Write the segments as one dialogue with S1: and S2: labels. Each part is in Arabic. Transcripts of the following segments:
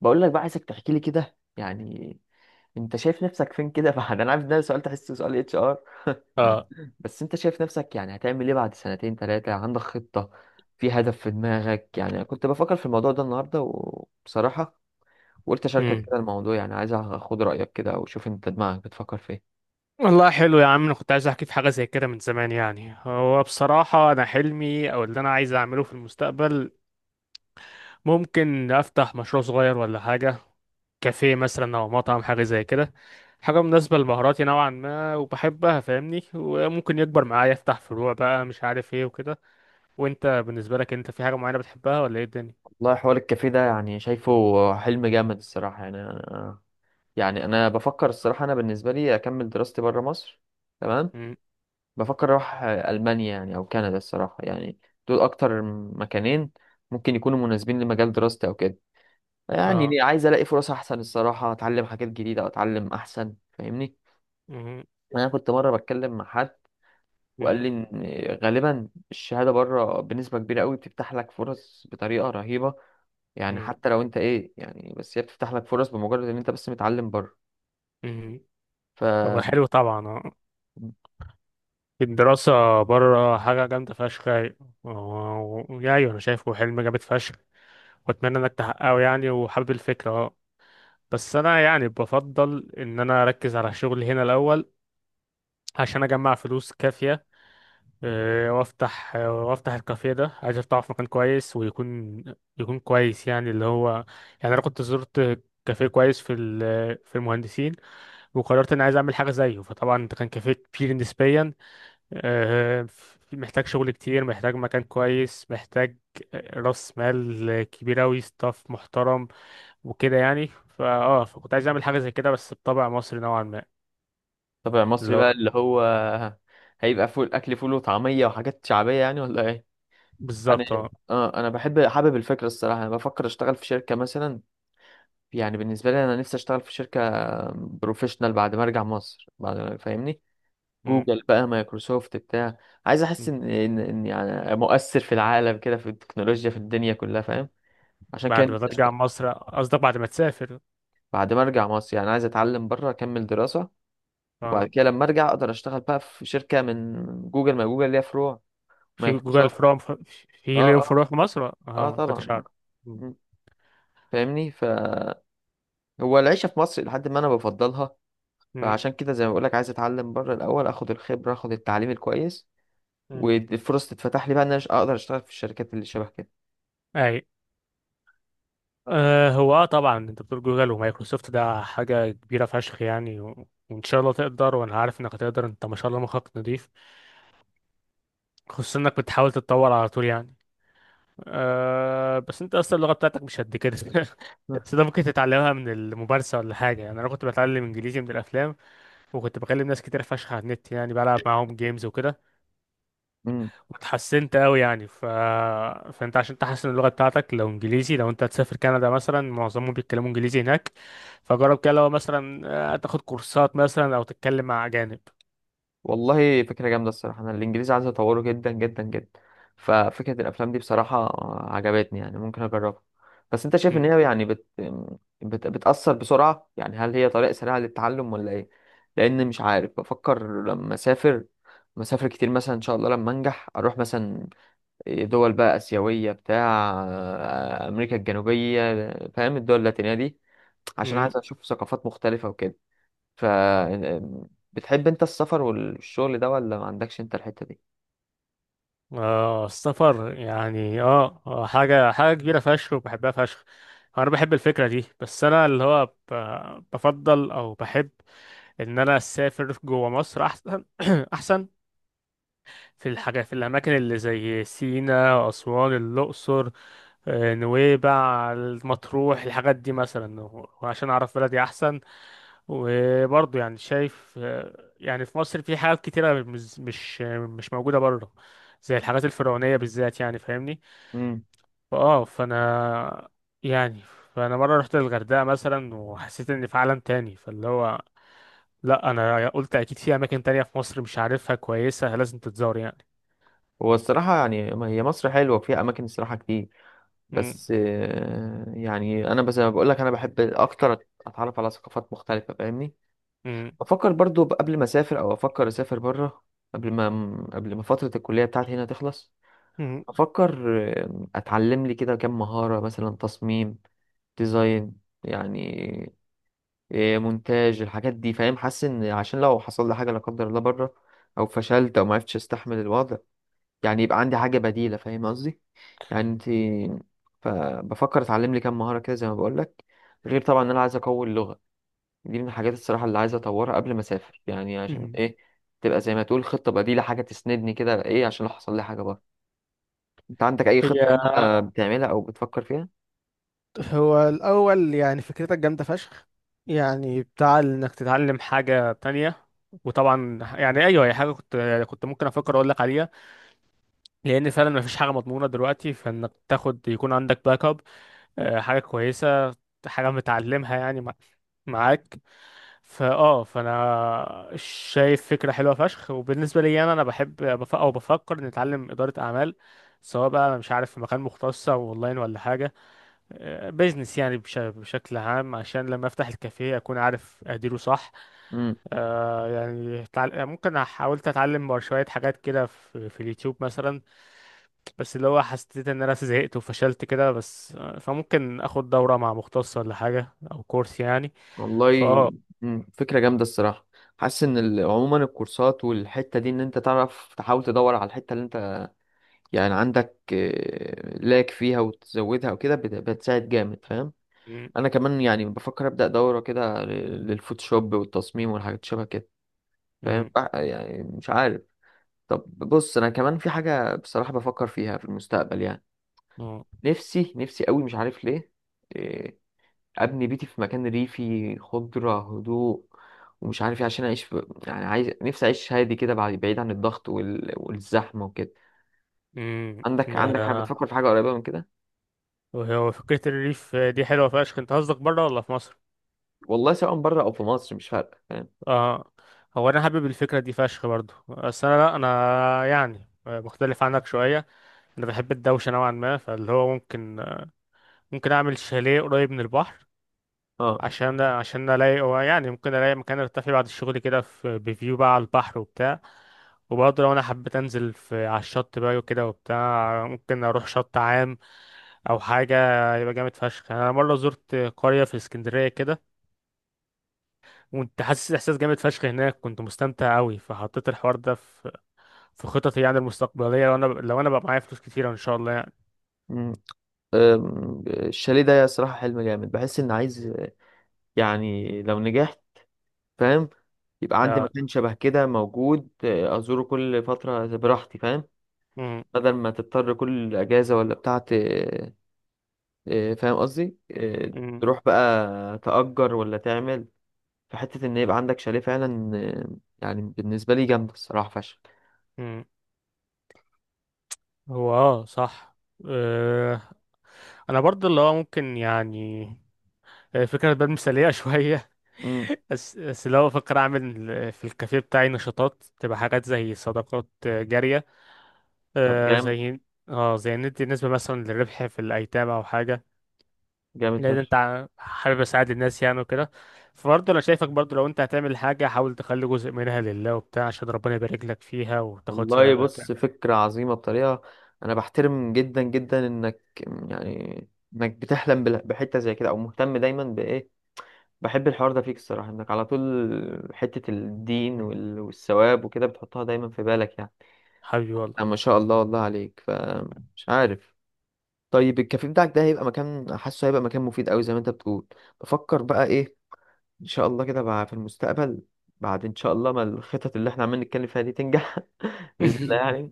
S1: بقول لك بقى عايزك تحكي لي كده يعني. انت شايف نفسك فين كده؟ بعد، انا عارف ان ده سؤال تحسه سؤال اتش ار.
S2: اه
S1: بس انت شايف نفسك، يعني هتعمل ايه بعد سنتين ثلاثة؟ عندك خطة؟ في هدف في دماغك؟ يعني أنا كنت بفكر في الموضوع ده النهاردة، وبصراحة وقلت اشاركك
S2: امم
S1: كده الموضوع، يعني عايز اخد رأيك كده وشوف انت دماغك بتفكر في ايه.
S2: والله حلو يا عم، انا كنت عايز احكي في حاجه زي كده من زمان يعني. هو بصراحه، انا حلمي او اللي انا عايز اعمله في المستقبل ممكن افتح مشروع صغير ولا حاجه، كافيه مثلا او مطعم، حاجه زي كده، حاجه مناسبه لمهاراتي نوعا ما وبحبها فاهمني، وممكن يكبر معايا افتح فروع بقى مش عارف ايه وكده. وانت بالنسبه لك، انت في حاجه معينه بتحبها ولا ايه الدنيا؟
S1: والله حوار الكافيه ده يعني شايفه حلم جامد الصراحة. يعني انا بفكر الصراحة، انا بالنسبة لي اكمل دراستي بره مصر. تمام.
S2: امم
S1: بفكر اروح المانيا يعني او كندا الصراحه، يعني دول اكتر مكانين ممكن يكونوا مناسبين لمجال دراستي او كده. يعني
S2: اه
S1: ليه؟ عايز الاقي فرص احسن الصراحه، اتعلم حاجات جديده او اتعلم احسن، فاهمني؟
S2: امم
S1: انا كنت مره بتكلم مع حد وقال
S2: امم
S1: لي ان غالبا الشهاده بره بنسبه كبيره قوي بتفتح لك فرص بطريقه رهيبه، يعني حتى لو انت ايه، يعني بس هي بتفتح لك فرص بمجرد ان انت بس متعلم بره.
S2: امم
S1: ف،
S2: هو حلو طبعا. الدراسة بره حاجة جامدة فشخ يعني. و- ويعني أنا شايفه حلم جامد فشخ، وأتمنى إنك تحققه يعني، وحابب الفكرة أه. بس أنا يعني بفضل إن أنا أركز على شغلي هنا الأول، عشان أجمع فلوس كافية. وأفتح الكافيه ده عايز أفتحه في مكان كويس، ويكون كويس يعني، اللي هو يعني أنا كنت زرت كافيه كويس في المهندسين، وقررت إن عايز أعمل حاجة زيه. فطبعا ده كان كافيه كبير نسبيا آه، محتاج شغل كتير، محتاج مكان كويس، محتاج راس مال كبير أوي، ستاف محترم وكده يعني. فا اه فكنت عايز أعمل حاجة زي كده، بس بطبع مصري نوعا ما،
S1: طبع مصري
S2: اللي هو
S1: بقى اللي هو هيبقى فول، اكل فول وطعميه وحاجات شعبيه يعني، ولا ايه؟ انا،
S2: بالظبط اه.
S1: اه انا بحب، حابب الفكره الصراحه. انا بفكر اشتغل في شركه مثلا، يعني بالنسبه لي انا نفسي اشتغل في شركه بروفيشنال بعد ما ارجع مصر، بعد ما، فاهمني؟
S2: م-
S1: جوجل بقى، مايكروسوفت، بتاع. عايز احس
S2: م.
S1: ان يعني مؤثر في العالم كده، في التكنولوجيا، في الدنيا كلها، فاهم؟ عشان كده
S2: بعد ما
S1: نفسي
S2: ترجع
S1: اشتغل.
S2: مصر قصدك؟ بعد ما تسافر
S1: بعد ما ارجع مصر، يعني عايز اتعلم بره، اكمل دراسه،
S2: اه؟
S1: وبعد كده لما ارجع اقدر اشتغل بقى في شركه من جوجل، ما جوجل ليها فروع.
S2: في جوجل؟
S1: مايكروسوفت.
S2: فروم في
S1: اه،
S2: ليهم
S1: اه،
S2: فروع في مصر اه؟
S1: اه
S2: ما
S1: طبعا،
S2: كنتش
S1: آه.
S2: أعرف. م-
S1: م. فاهمني. ف، هو العيشة في مصر لحد ما أنا بفضلها،
S2: م-
S1: فعشان كده زي ما بقولك عايز أتعلم بره الأول، أخد الخبرة، أخد التعليم الكويس،
S2: م.
S1: والفرص تتفتح لي بقى إن أنا أقدر أشتغل في الشركات اللي شبه كده.
S2: أيوة. آه، هو اه طبعا انت بتقول جوجل ومايكروسوفت، ده حاجة كبيرة فشخ يعني، وان شاء الله تقدر، وانا عارف انك هتقدر، انت ما شاء الله مخك نضيف، خصوصا انك بتحاول تتطور على طول يعني. آه، بس انت اصلا اللغة بتاعتك مش قد كده بس ده ممكن تتعلمها من الممارسة ولا حاجة يعني، انا كنت بتعلم انجليزي من الافلام، وكنت بكلم ناس كتير فشخ على النت يعني، بلعب معاهم جيمز وكده،
S1: امم.
S2: اتحسنت قوي يعني. فانت عشان تحسن اللغه بتاعتك لو انجليزي، لو انت هتسافر كندا مثلا، معظمهم بيتكلموا انجليزي هناك. فجرب كده، لو مثلا، تاخد كورسات مثلا او تتكلم مع اجانب.
S1: والله فكرة جامدة الصراحة، أنا الإنجليزي عايز أطوره جدا جدا جدا. ففكرة الأفلام دي بصراحة عجبتني، يعني ممكن أجربها. بس أنت شايف إن
S2: مم.
S1: هي يعني بتأثر بسرعة؟ يعني هل هي طريقة سريعة للتعلم ولا إيه؟ لأن مش عارف، بفكر لما أسافر، مسافر كتير مثلا إن شاء الله لما أنجح، أروح مثلا دول بقى آسيوية، بتاع أمريكا الجنوبية، فاهم؟ الدول اللاتينية دي، عشان
S2: مم.
S1: عايز أشوف ثقافات مختلفة وكده. ف، بتحب أنت السفر والشغل ده ولا ما عندكش أنت الحتة دي؟
S2: اه السفر يعني اه، حاجه كبيره فشخ وبحبها فشخ، انا بحب الفكره دي. بس انا اللي هو بفضل او بحب ان انا اسافر جوه مصر احسن احسن. في الحاجة، في الأماكن اللي زي سينا، أسوان، الأقصر، نويبع، المطروح، الحاجات دي مثلا، وعشان أعرف بلدي أحسن. وبرضه يعني شايف، يعني في مصر في حاجات كتيرة مش موجودة بره، زي الحاجات الفرعونية بالذات يعني فاهمني.
S1: مم.
S2: فأنا يعني، فأنا مرة رحت الغردقة مثلا وحسيت إني في عالم تاني، فاللي هو لأ، أنا قلت أكيد في أماكن تانية في مصر مش عارفها كويسة، لازم تتزار يعني.
S1: هو الصراحة يعني ما هي مصر حلوة وفيها أماكن الصراحة كتير،
S2: م-
S1: بس يعني أنا بس بقول لك، أنا بحب أكتر أتعرف على ثقافات مختلفة، فاهمني؟ بفكر برضو قبل ما أسافر، أو أفكر أسافر بره، قبل ما قبل ما فترة الكلية بتاعتي هنا تخلص،
S2: م-
S1: افكر اتعلم لي كده كام مهارة، مثلا تصميم، ديزاين يعني، مونتاج، الحاجات دي، فاهم؟ حاسس ان عشان لو حصل لي حاجة لا قدر الله بره، او فشلت، او ما عرفتش استحمل الوضع، يعني يبقى عندي حاجة بديلة، فاهم قصدي يعني؟ انت، فبفكر اتعلم لي كام مهارة كده، زي ما بقول لك، غير طبعا ان انا عايز اقوي اللغة. دي من الحاجات الصراحة اللي عايز اطورها قبل ما اسافر، يعني عشان
S2: مهم.
S1: ايه، تبقى زي ما تقول خطة بديلة، حاجة تسندني كده، ايه، عشان لو حصل لي حاجة بره. انت عندك اي خطة
S2: هي
S1: هنا بتعملها او بتفكر فيها؟
S2: هو الأول يعني فكرتك جامدة فشخ، يعني بتاع إنك تتعلم حاجة تانية. وطبعا يعني أيوه، هي حاجة كنت ممكن أفكر أقول لك عليها، لأن فعلا مفيش حاجة مضمونة دلوقتي، فإنك تاخد يكون عندك باك أب، حاجة كويسة، حاجة متعلمها يعني معاك. فأنا شايف فكرة حلوة فشخ. وبالنسبة لي أنا بحب بف- أو بفكر إني أتعلم إدارة أعمال، سواء بقى أنا مش عارف في مكان مختص أو أونلاين ولا حاجة، بيزنس يعني بشكل عام، عشان لما افتح الكافيه اكون عارف اديره صح.
S1: امم.
S2: آه يعني ممكن حاولت اتعلم شوية حاجات كده في اليوتيوب مثلا، بس اللي هو حسيت ان انا زهقت وفشلت كده بس، فممكن اخد دورة مع مختص ولا حاجة او كورس يعني.
S1: والله.
S2: فاه
S1: امم، فكرة جامدة الصراحة. حاسس ان عموما الكورسات والحتة دي، ان انت تعرف تحاول تدور على الحتة اللي انت يعني عندك لاك فيها، وتزودها وكده بتساعد جامد، فاهم؟
S2: م-
S1: انا كمان يعني بفكر ابدأ دورة كده للفوتوشوب والتصميم والحاجات شبه كده، فاهم
S2: م-
S1: يعني؟ مش عارف. طب بص، انا كمان في حاجة بصراحة بفكر فيها في المستقبل، يعني
S2: م-
S1: نفسي نفسي قوي مش عارف ليه، آه، ابني بيتي في مكان ريفي، خضره، هدوء، ومش عارف ايه، عشان اعيش يعني عايز نفسي اعيش هادي كده، بعد، بعيد عن الضغط والزحمه وكده.
S2: م-
S1: عندك، عندك حاجه
S2: آه،
S1: بتفكر في حاجه قريبه من كده؟
S2: وهو فكرة الريف دي حلوة فشخ، انت قصدك بره ولا في مصر؟
S1: والله سواء بره او في مصر مش فارقه، فاهم؟
S2: اه، هو انا حابب الفكره دي فشخ برضو، بس انا لا، انا يعني مختلف عنك شويه، انا بحب الدوشه نوعا ما، فاللي هو ممكن اعمل شاليه قريب من البحر،
S1: اه.
S2: عشان الاقي، هو يعني ممكن الاقي مكان ارتاح فيه بعد الشغل كده، في بفيو بقى على البحر وبتاع. وبرضه لو انا حبيت انزل في على الشط بقى وكده وبتاع، ممكن اروح شط عام او حاجه، يبقى جامد فشخ يعني. انا مره زرت قريه في اسكندريه كده، وانت حاسس احساس جامد فشخ هناك، كنت مستمتع قوي، فحطيت الحوار ده في خططي يعني المستقبليه، لو انا بقى معايا فلوس كتيره ان شاء الله يعني.
S1: أمم. الشاليه ده صراحة حلم جامد، بحس ان عايز، يعني لو نجحت، فاهم؟ يبقى عندي
S2: آه،
S1: مكان شبه كده موجود، أزوره كل فترة براحتي، فاهم؟
S2: مم،
S1: بدل ما تضطر كل أجازة ولا بتاعة، إيه، فاهم قصدي إيه؟
S2: مم،
S1: تروح بقى تأجر، ولا تعمل، فحتة ان يبقى عندك شاليه فعلا يعني بالنسبة لي جامدة الصراحة فشخ.
S2: مم. هو اه صح. آه، انا برضه اللي هو ممكن يعني، فكره بقى مثاليه شويه.
S1: امم.
S2: بس لو بفكر اعمل، في الكافيه بتاعي نشاطات، تبقى حاجات زي صدقات، جاريه
S1: طب
S2: آه،
S1: جامد.
S2: زي، اه زي ندي نسبه مثلا للربح في الايتام او حاجه،
S1: جامد
S2: لان
S1: فشخ.
S2: انت حابب اساعد الناس يعني وكده. فبرضه انا شايفك برضه، لو انت هتعمل حاجه، حاول تخلي جزء منها لله وبتاع، عشان ربنا يبارك لك فيها وتاخد
S1: والله
S2: ثواب وبتاع.
S1: بص، فكرة عظيمة بطريقة، انا بحترم جدا جدا انك، يعني انك بتحلم بحتة زي كده، او مهتم دايما بايه، بحب الحوار ده فيك الصراحة. انك على طول حتة الدين
S2: مم.
S1: والثواب وكده بتحطها دايما في بالك يعني.
S2: حبيبي والله.
S1: ما شاء الله والله عليك، فمش عارف. طيب الكافيه بتاعك ده هيبقى مكان، حاسه هيبقى مكان مفيد قوي زي ما انت بتقول. بفكر بقى ايه، ان شاء الله كده بقى في المستقبل، بعد ان شاء الله ما الخطط اللي احنا عمالين نتكلم فيها دي تنجح، باذن الله يعني،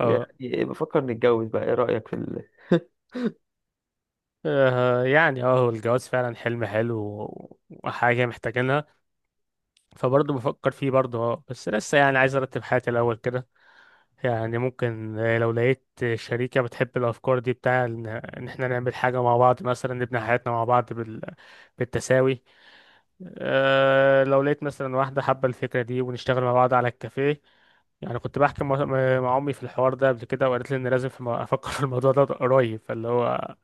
S1: يعني
S2: اه
S1: إيه، بفكر نتجوز بقى، ايه رايك في ال...؟
S2: يعني اه هو الجواز فعلا حلم حلو، وحاجه محتاجينها، فبرضه بفكر فيه برضه اه، بس لسه يعني عايز ارتب حياتي الاول كده. يعني ممكن، لو لقيت شريكه بتحب الافكار دي بتاع، ان إن احنا نعمل حاجه مع بعض، مثلا نبني حياتنا مع بعض بالتساوي. أه لو لقيت مثلا واحدة حابة الفكرة دي ونشتغل مع بعض على الكافيه. يعني كنت بحكي مع أمي في الحوار ده قبل كده، وقالت لي إن لازم في أفكر في الموضوع ده قريب، فاللي هو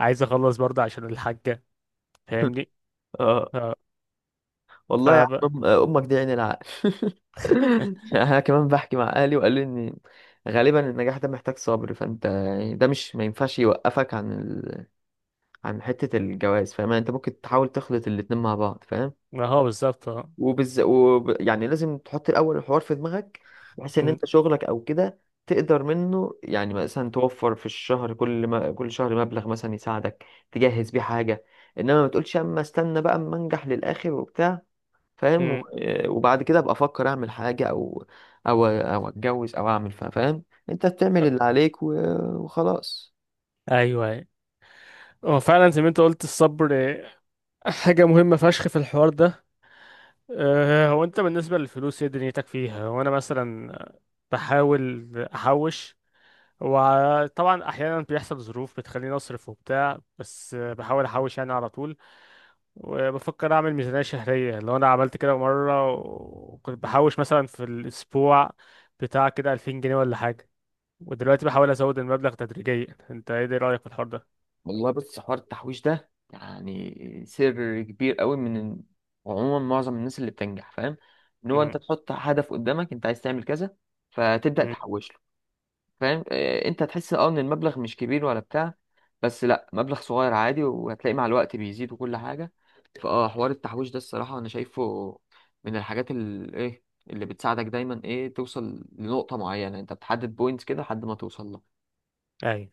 S2: عايز أخلص برضه عشان الحاجة فاهمني.
S1: اه،
S2: أه. ف
S1: والله يا عم، امك دي عين العقل. انا كمان بحكي مع اهلي، وقالوا لي ان غالبا النجاح ده محتاج صبر، فانت يعني ده مش، ما ينفعش يوقفك عن ال...، عن حتة الجواز، فاهم يعني؟ انت ممكن تحاول تخلط الاتنين مع بعض، فاهم؟
S2: ما هو بالظبط اه.
S1: يعني لازم تحط الأول الحوار في دماغك، بحيث إن
S2: م-
S1: أنت شغلك أو كده تقدر منه، يعني مثلا توفر في الشهر كل ما... كل شهر مبلغ مثلا يساعدك تجهز بيه حاجة. إنما ما تقولش أما استنى بقى أما أنجح للآخر وبتاع، فاهم؟ و،
S2: م-
S1: وبعد كده أبقى أفكر أعمل حاجة، أو أتجوز، أو أعمل فاهم؟ أنت بتعمل اللي عليك، و، وخلاص.
S2: أيوه، أيوة. هو فعلا زي ما أنت قلت، الصبر، حاجة مهمة فشخ في الحوار ده. أه هو أنت بالنسبة للفلوس، إيه دنيتك فيها؟ وأنا مثلا بحاول أحوش، وطبعا احيانا بيحصل ظروف بتخليني اصرف وبتاع، بس بحاول احوش يعني على طول. وبفكر اعمل ميزانية شهرية، لو انا عملت كده مرة وكنت بحوش مثلا في الاسبوع بتاع كده 2000 جنيه ولا حاجة، ودلوقتي بحاول ازود المبلغ تدريجيا. انت ايه ده رأيك في الحوار ده؟
S1: والله بص، حوار التحويش ده يعني سر كبير قوي من، عموما معظم الناس اللي بتنجح، فاهم؟ ان هو
S2: امم
S1: انت تحط هدف قدامك، انت عايز تعمل كذا، فتبدأ تحوش له، فاهم؟ انت هتحس، اه، ان المبلغ مش كبير ولا بتاع، بس لا، مبلغ صغير عادي وهتلاقي مع الوقت بيزيد وكل حاجة. فاه، حوار التحويش ده الصراحة انا شايفه من الحاجات اللي ايه، اللي بتساعدك دايما ايه، توصل لنقطة معينة، انت بتحدد بوينتس كده لحد ما توصل لها.
S2: امم